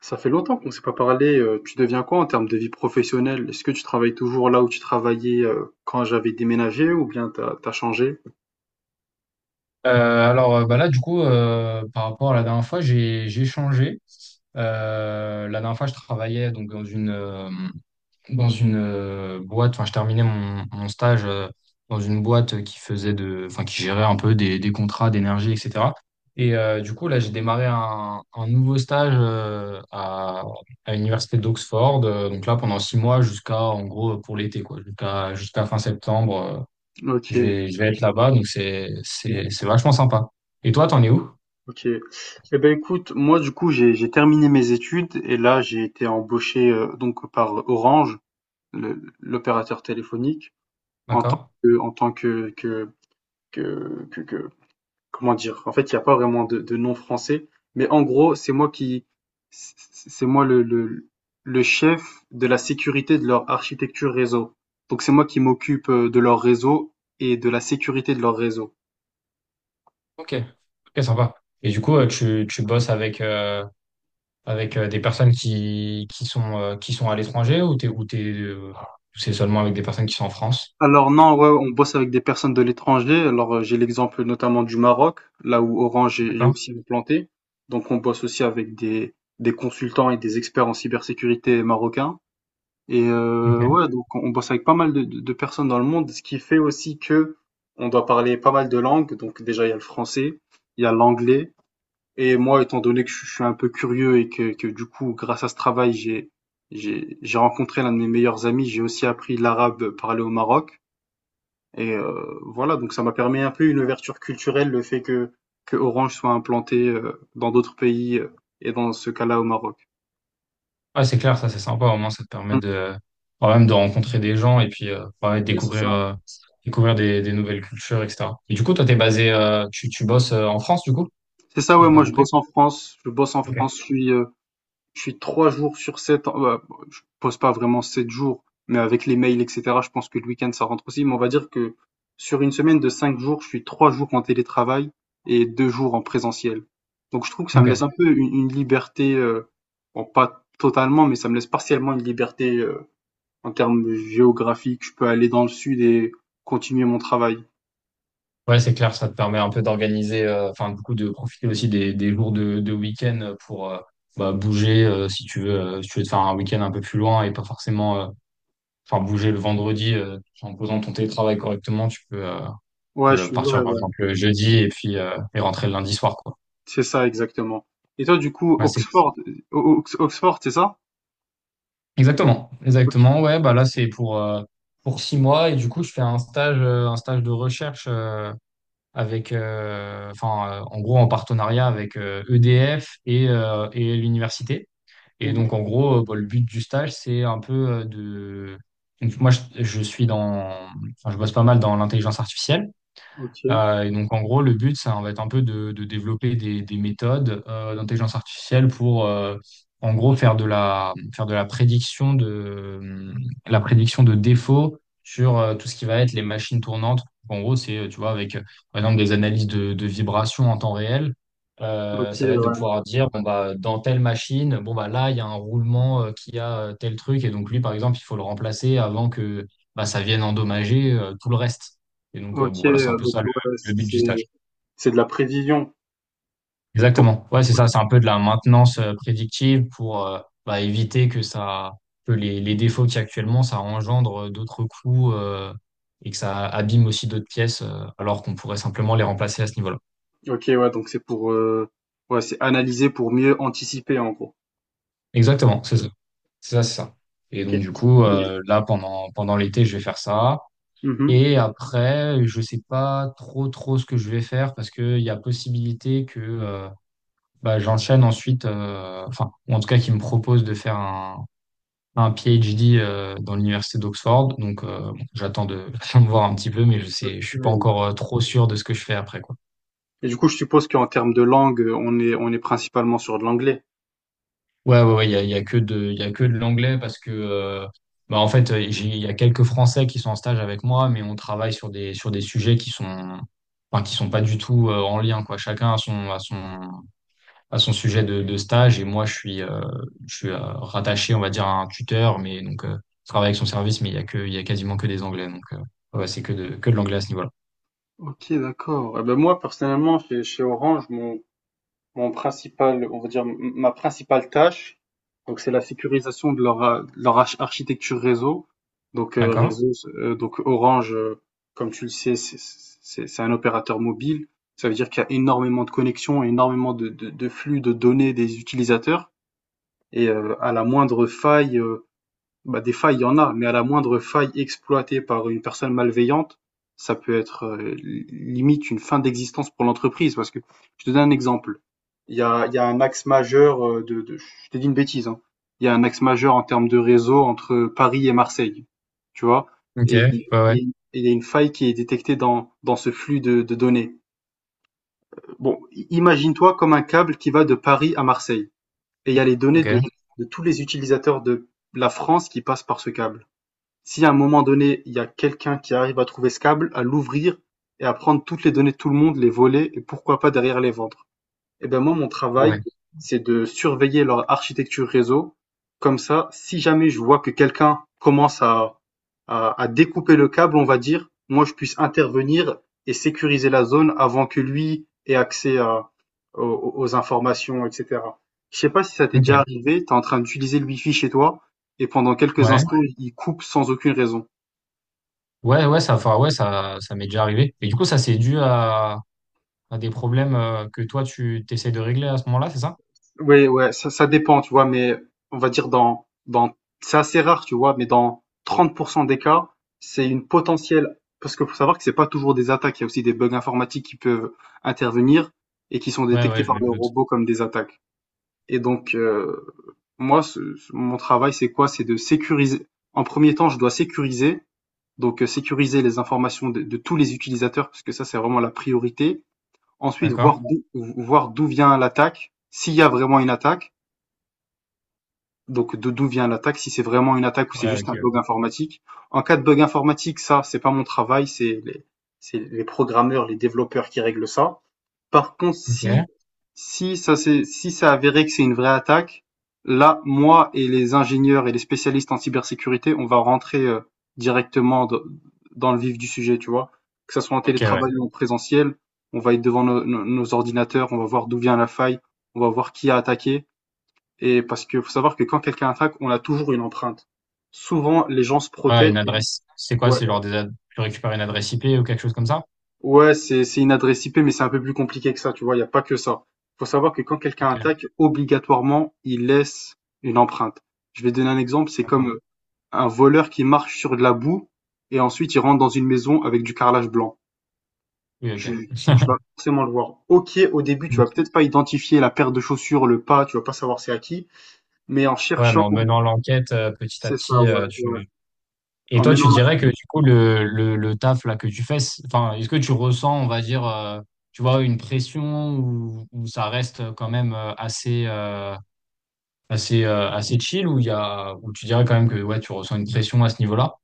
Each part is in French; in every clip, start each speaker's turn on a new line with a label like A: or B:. A: Ça fait longtemps qu'on ne s'est pas parlé. Tu deviens quoi en termes de vie professionnelle? Est-ce que tu travailles toujours là où tu travaillais quand j'avais déménagé ou bien t'as changé?
B: Bah là, du coup, par rapport à la dernière fois, j'ai changé. La dernière fois, je travaillais donc dans une boîte. Enfin, je terminais mon stage, dans une boîte qui faisait de, enfin, qui gérait un peu des contrats d'énergie, etc. Du coup, là, j'ai démarré un nouveau stage, à l'université d'Oxford. Donc là, pendant 6 mois, jusqu'à en gros pour l'été, quoi, jusqu'à fin septembre. euh,
A: Ok,
B: je vais, je vais être là-bas, donc c'est vachement sympa. Et toi, t'en es où?
A: ok. Eh ben écoute, moi du coup j'ai terminé mes études et là j'ai été embauché, donc par Orange, l'opérateur téléphonique, en tant
B: D'accord?
A: que en tant que comment dire? En fait, il n'y a pas vraiment de nom français, mais en gros, c'est moi qui, c'est moi le chef de la sécurité de leur architecture réseau. Donc c'est moi qui m'occupe de leur réseau et de la sécurité de leur réseau.
B: Ok. Ok, sympa. Et du coup, tu bosses avec des personnes qui sont à l'étranger, ou t'es, c'est seulement avec des personnes qui sont en France?
A: Alors non, ouais, on bosse avec des personnes de l'étranger. Alors j'ai l'exemple notamment du Maroc, là où Orange est
B: D'accord?
A: aussi implanté. Donc on bosse aussi avec des consultants et des experts en cybersécurité marocains. Et
B: Ok.
A: ouais, donc on bosse avec pas mal de, de personnes dans le monde, ce qui fait aussi que on doit parler pas mal de langues. Donc déjà, il y a le français, il y a l'anglais. Et moi, étant donné que je suis un peu curieux et que du coup, grâce à ce travail, j'ai rencontré l'un de mes meilleurs amis. J'ai aussi appris l'arabe parlé au Maroc. Et voilà, donc ça m'a permis un peu une ouverture culturelle, le fait que Orange soit implanté dans d'autres pays, et dans ce cas-là au Maroc.
B: Ouais, c'est clair, ça, c'est sympa. Au moins, ça te permet
A: Mm.
B: de, quand même de rencontrer des gens et puis, ouais,
A: Ouais, c'est
B: découvrir,
A: ça.
B: euh, découvrir des nouvelles cultures, etc. Et du coup, toi, t'es tu bosses, en France, du coup?
A: C'est ça,
B: Si j'ai
A: ouais,
B: bien
A: moi je
B: compris.
A: bosse en France, je bosse en
B: Ok.
A: France, je suis, je suis 3 jours sur 7. Bah, je pose pas vraiment 7 jours, mais avec les mails, et cetera, je pense que le week-end, ça rentre aussi, mais on va dire que sur une semaine de 5 jours, je suis 3 jours en télétravail et 2 jours en présentiel. Donc je trouve que ça me
B: Ok.
A: laisse un peu une liberté, bon, pas totalement, mais ça me laisse partiellement une liberté en termes géographiques. Je peux aller dans le sud et continuer mon travail.
B: Ouais, c'est clair, ça te permet un peu d'organiser, enfin, du coup, de profiter aussi des jours de week-end pour, bah, bouger, si tu veux, si tu veux te faire un week-end un peu plus loin et pas forcément, enfin, bouger le vendredi, en posant ton télétravail correctement, tu peux, euh, tu
A: Ouais,
B: peux
A: je
B: le-
A: suis, ouais,
B: partir par
A: ouais,
B: exemple le jeudi et puis rentrer le lundi soir, quoi.
A: c'est ça exactement. Et toi, du coup,
B: Ouais, c'est
A: Oxford, Oxford, c'est ça?
B: exactement,
A: Ok.
B: exactement. Ouais, bah là, c'est pour 6 mois et du coup, je fais un stage de recherche. En gros, en partenariat avec EDF et l'université. Et donc, en
A: Mhm.
B: gros, bah, le but du stage, c'est un peu de. Donc, moi, je suis dans. Enfin, je bosse pas mal dans l'intelligence artificielle.
A: Ok,
B: Et donc, en gros, le but, ça va être un peu de développer des méthodes, d'intelligence artificielle pour, en gros, faire de la la prédiction de défauts sur, tout ce qui va être les machines tournantes. En gros, c'est, tu vois, par exemple, des analyses de vibrations en temps réel.
A: ok,
B: Ça va être de
A: ouais.
B: pouvoir dire, bon, bah, dans telle machine, bon, bah, là, il y a un roulement, qui a tel truc. Et donc, lui, par exemple, il faut le remplacer avant que bah, ça vienne endommager tout le reste. Et donc, bon,
A: OK,
B: voilà, c'est un peu
A: donc
B: ça
A: ouais,
B: le but
A: c'est
B: du stage.
A: c'est de la prévision pour…
B: Exactement. Ouais, c'est ça. C'est un peu de la maintenance prédictive pour, bah, éviter que ça, que les défauts qu'il y a actuellement, ça engendre d'autres coûts et que ça abîme aussi d'autres pièces, alors qu'on pourrait simplement les remplacer à ce niveau-là.
A: OK, ouais, donc c'est pour, ouais, c'est analyser pour mieux anticiper, en gros.
B: Exactement. C'est ça. C'est ça, c'est ça. Et donc,
A: OK.
B: du coup, là, pendant l'été, je vais faire ça.
A: Mmh.
B: Et après, je sais pas trop ce que je vais faire parce qu'il y a possibilité que bah, j'enchaîne ensuite, enfin, ou en tout cas, qu'ils me proposent de faire un PhD dans l'université d'Oxford. Donc, bon, j'attends de voir un petit peu, mais je suis pas
A: OK.
B: encore trop sûr de ce que je fais après, quoi.
A: Et du coup, je suppose qu'en termes de langue, on est principalement sur de l'anglais?
B: Ouais, ouais, ouais, il y a que de, il y a que de l'anglais parce que, bah, en fait, il y a quelques Français qui sont en stage avec moi, mais on travaille sur des sujets qui sont, enfin, qui sont pas du tout en lien, quoi. Chacun a a son sujet de stage et moi, je suis rattaché, on va dire, à un tuteur, mais donc, je travaille avec son service, mais il y a quasiment que des anglais, donc, ouais, c'est que de l'anglais à ce niveau-là.
A: OK, d'accord. Et ben moi, personnellement, chez chez Orange, mon principal, on va dire, ma principale tâche, donc c'est la sécurisation de leur, de leur architecture réseau. Donc
B: D'accord.
A: réseau, donc Orange, comme tu le sais, c'est un opérateur mobile. Ça veut dire qu'il y a énormément de connexions, énormément de flux de données des utilisateurs. Et à la moindre faille, bah, des failles, il y en a, mais à la moindre faille exploitée par une personne malveillante, ça peut être, limite une fin d'existence pour l'entreprise. Parce que je te donne un exemple. Il y a un axe majeur, je t'ai dit une bêtise, hein. Il y a un axe majeur en termes de réseau entre Paris et Marseille, tu vois.
B: OK.
A: Et
B: Ouais,
A: il
B: ouais.
A: et il y a une faille qui est détectée dans ce flux de données. Bon, imagine-toi comme un câble qui va de Paris à Marseille. Et il y a les données
B: OK.
A: de tous les utilisateurs de la France qui passent par ce câble. Si à un moment donné il y a quelqu'un qui arrive à trouver ce câble, à l'ouvrir et à prendre toutes les données de tout le monde, les voler et pourquoi pas derrière les vendre. Eh ben moi, mon travail,
B: Ouais.
A: c'est de surveiller leur architecture réseau. Comme ça, si jamais je vois que quelqu'un commence à découper le câble, on va dire, moi, je puisse intervenir et sécuriser la zone avant que lui ait accès aux informations, etc. Je sais pas si ça t'est déjà
B: OK.
A: arrivé, t'es en train d'utiliser le wifi chez toi et pendant quelques
B: Ouais.
A: instants, il coupe sans aucune raison.
B: Ouais, ouais, ça, enfin, ouais, ça m'est déjà arrivé. Et du coup, ça, c'est dû à des problèmes, que toi, tu t'essayes de régler à ce moment-là, c'est ça?
A: Oui, ouais, ça dépend, tu vois, mais on va dire c'est assez rare, tu vois, mais dans 30% des cas, c'est une potentielle, parce qu'il faut savoir que c'est pas toujours des attaques, il y a aussi des bugs informatiques qui peuvent intervenir et qui sont
B: Ouais,
A: détectés
B: ouais, je
A: par
B: me
A: le
B: doute.
A: robot comme des attaques. Et donc, moi, mon travail, c'est quoi? C'est de sécuriser. En premier temps, je dois sécuriser, donc sécuriser les informations de tous les utilisateurs, parce que ça, c'est vraiment la priorité. Ensuite,
B: D'accord.
A: voir d'où vient l'attaque, s'il y a vraiment une attaque donc de d'où vient l'attaque, si c'est vraiment une attaque ou c'est
B: Ouais,
A: juste un
B: OK.
A: bug informatique. En cas de bug informatique, ça, c'est pas mon travail, c'est les programmeurs, les développeurs qui règlent ça. Par contre,
B: ouais. OK.
A: si ça avéré que c'est une vraie attaque, là, moi et les ingénieurs et les spécialistes en cybersécurité, on va rentrer, directement dans le vif du sujet, tu vois. Que ça soit en
B: OK, ouais.
A: télétravail ou en présentiel, on va être devant nos ordinateurs, on va voir d'où vient la faille, on va voir qui a attaqué. Et parce que faut savoir que quand quelqu'un attaque, on a toujours une empreinte. Souvent, les gens se
B: Ouais,
A: protègent.
B: une adresse. C'est quoi?
A: Ouais,
B: C'est genre des ad... tu récupères une adresse IP ou quelque chose comme ça?
A: ouais, c'est une adresse IP, mais c'est un peu plus compliqué que ça, tu vois. Il y a pas que ça. Faut savoir que quand quelqu'un
B: OK.
A: attaque, obligatoirement, il laisse une empreinte. Je vais donner un exemple. C'est
B: D'accord.
A: comme un voleur qui marche sur de la boue et ensuite il rentre dans une maison avec du carrelage blanc.
B: Oui, OK.
A: Tu vas forcément le voir. Ok, au début, tu vas
B: Ok.
A: peut-être pas identifier la paire de chaussures, le pas, tu vas pas savoir c'est à qui, mais en
B: Ouais,
A: cherchant,
B: mais en menant l'enquête, petit à
A: c'est ça,
B: petit,
A: ouais,
B: euh,
A: ouais.
B: tu, Et
A: En
B: toi, tu
A: menant…
B: dirais que du coup, le taf là que tu fais, enfin, est-ce que tu ressens, on va dire, tu vois, une pression ou ça reste quand même assez chill ou il y a, ou tu dirais quand même que ouais, tu ressens une pression à ce niveau-là?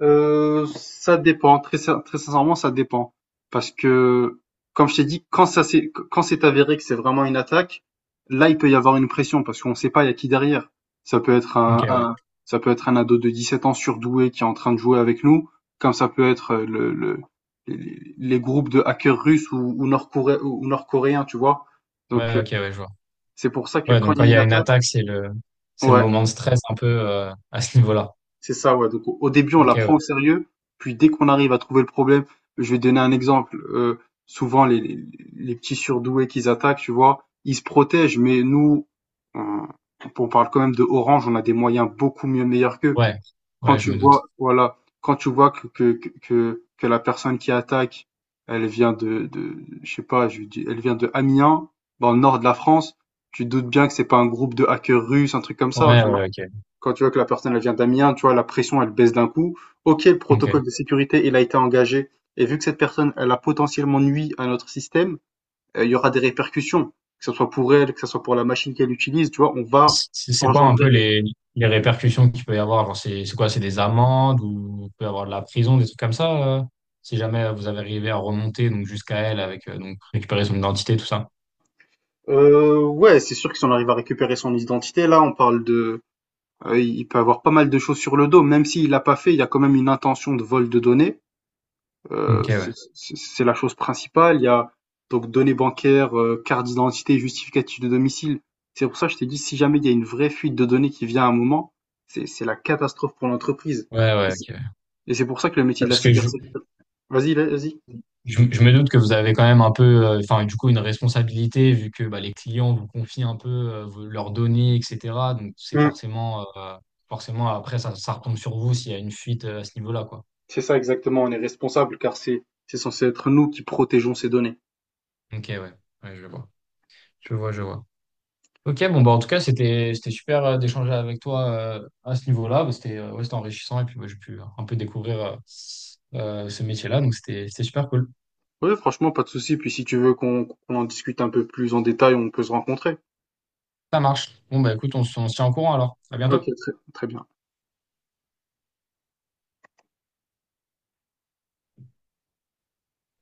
A: Ça dépend, très sincèrement, ça dépend. Parce que, comme je t'ai dit, quand ça s'est quand c'est avéré que c'est vraiment une attaque, là, il peut y avoir une pression parce qu'on ne sait pas il y a qui derrière. Ça peut être
B: Ok,
A: un
B: ouais.
A: un ça peut être un ado de 17 ans surdoué qui est en train de jouer avec nous, comme ça peut être, le les groupes de hackers russes ou nord-coréens, tu vois? Donc
B: Ouais, ok, ouais, je vois.
A: c'est pour ça que
B: Ouais,
A: quand
B: donc
A: il
B: quand
A: y
B: il
A: a
B: y
A: une
B: a une
A: attaque…
B: attaque, c'est le
A: Ouais.
B: moment de stress un peu, à ce niveau-là.
A: C'est ça, ouais. Donc, au début, on
B: Ok,
A: la prend au
B: ouais.
A: sérieux, puis dès qu'on arrive à trouver le problème, je vais donner un exemple. Souvent, les petits surdoués qu'ils attaquent, tu vois, ils se protègent, mais nous, on, on parle quand même de Orange, on a des moyens beaucoup mieux meilleurs qu'eux.
B: Ouais,
A: Quand
B: ouais, je
A: tu
B: me
A: vois,
B: doute.
A: voilà, quand tu vois que la personne qui attaque, elle vient de je sais pas, je dis, elle vient de Amiens, dans le nord de la France, tu te doutes bien que c'est pas un groupe de hackers russes, un truc comme ça,
B: Ouais,
A: tu vois.
B: ouais, ok.
A: Quand tu vois que la personne elle vient d'Amiens, tu vois, la pression, elle baisse d'un coup. Ok, le
B: Ok.
A: protocole de sécurité, il a été engagé. Et vu que cette personne, elle a potentiellement nuit à notre système, il y aura des répercussions, que ce soit pour elle, que ce soit pour la machine qu'elle utilise, tu vois, on va
B: C'est quoi un
A: engendrer
B: peu les répercussions qu'il peut y avoir? Genre, c'est quoi? C'est des amendes ou il peut y avoir de la prison, des trucs comme ça, si jamais vous avez arrivé à remonter donc jusqu'à elle avec, donc récupérer son identité, tout ça.
A: Ouais, c'est sûr que si on arrive à récupérer son identité, là, il peut avoir pas mal de choses sur le dos, même s'il l'a pas fait, il y a quand même une intention de vol de données.
B: Ok, ouais.
A: C'est la chose principale. Il y a donc données bancaires, carte d'identité, justificatif de domicile. C'est pour ça que je t'ai dit, si jamais il y a une vraie fuite de données qui vient à un moment, c'est la catastrophe pour l'entreprise.
B: Ouais,
A: Et
B: ouais,
A: c'est
B: ok.
A: et c'est pour ça que le métier de la
B: Parce que je,
A: cybersécurité… Vas-y, là, vas-y.
B: je, je me doute que vous avez quand même un peu, enfin, du coup, une responsabilité vu que bah, les clients vous confient un peu leurs données, etc. Donc, c'est
A: Hum,
B: forcément, euh, forcément, après, ça retombe sur vous s'il y a une fuite, à ce niveau-là, quoi.
A: C'est ça exactement, on est responsable car c'est censé être nous qui protégeons ces données.
B: Ok, ouais. Ouais, je vois. Je vois, je vois. Ok, bon, bah, en tout cas, c'était super d'échanger avec toi, à ce niveau-là. Bah, c'était ouais, c'était enrichissant et puis bah, j'ai pu un peu découvrir ce métier-là. Donc, c'était super cool.
A: Oui, franchement, pas de souci. Puis si tu veux qu'on en discute un peu plus en détail, on peut se rencontrer.
B: Ça marche. Bon, bah, écoute, on se tient au courant alors. À
A: Ok,
B: bientôt.
A: très, très bien.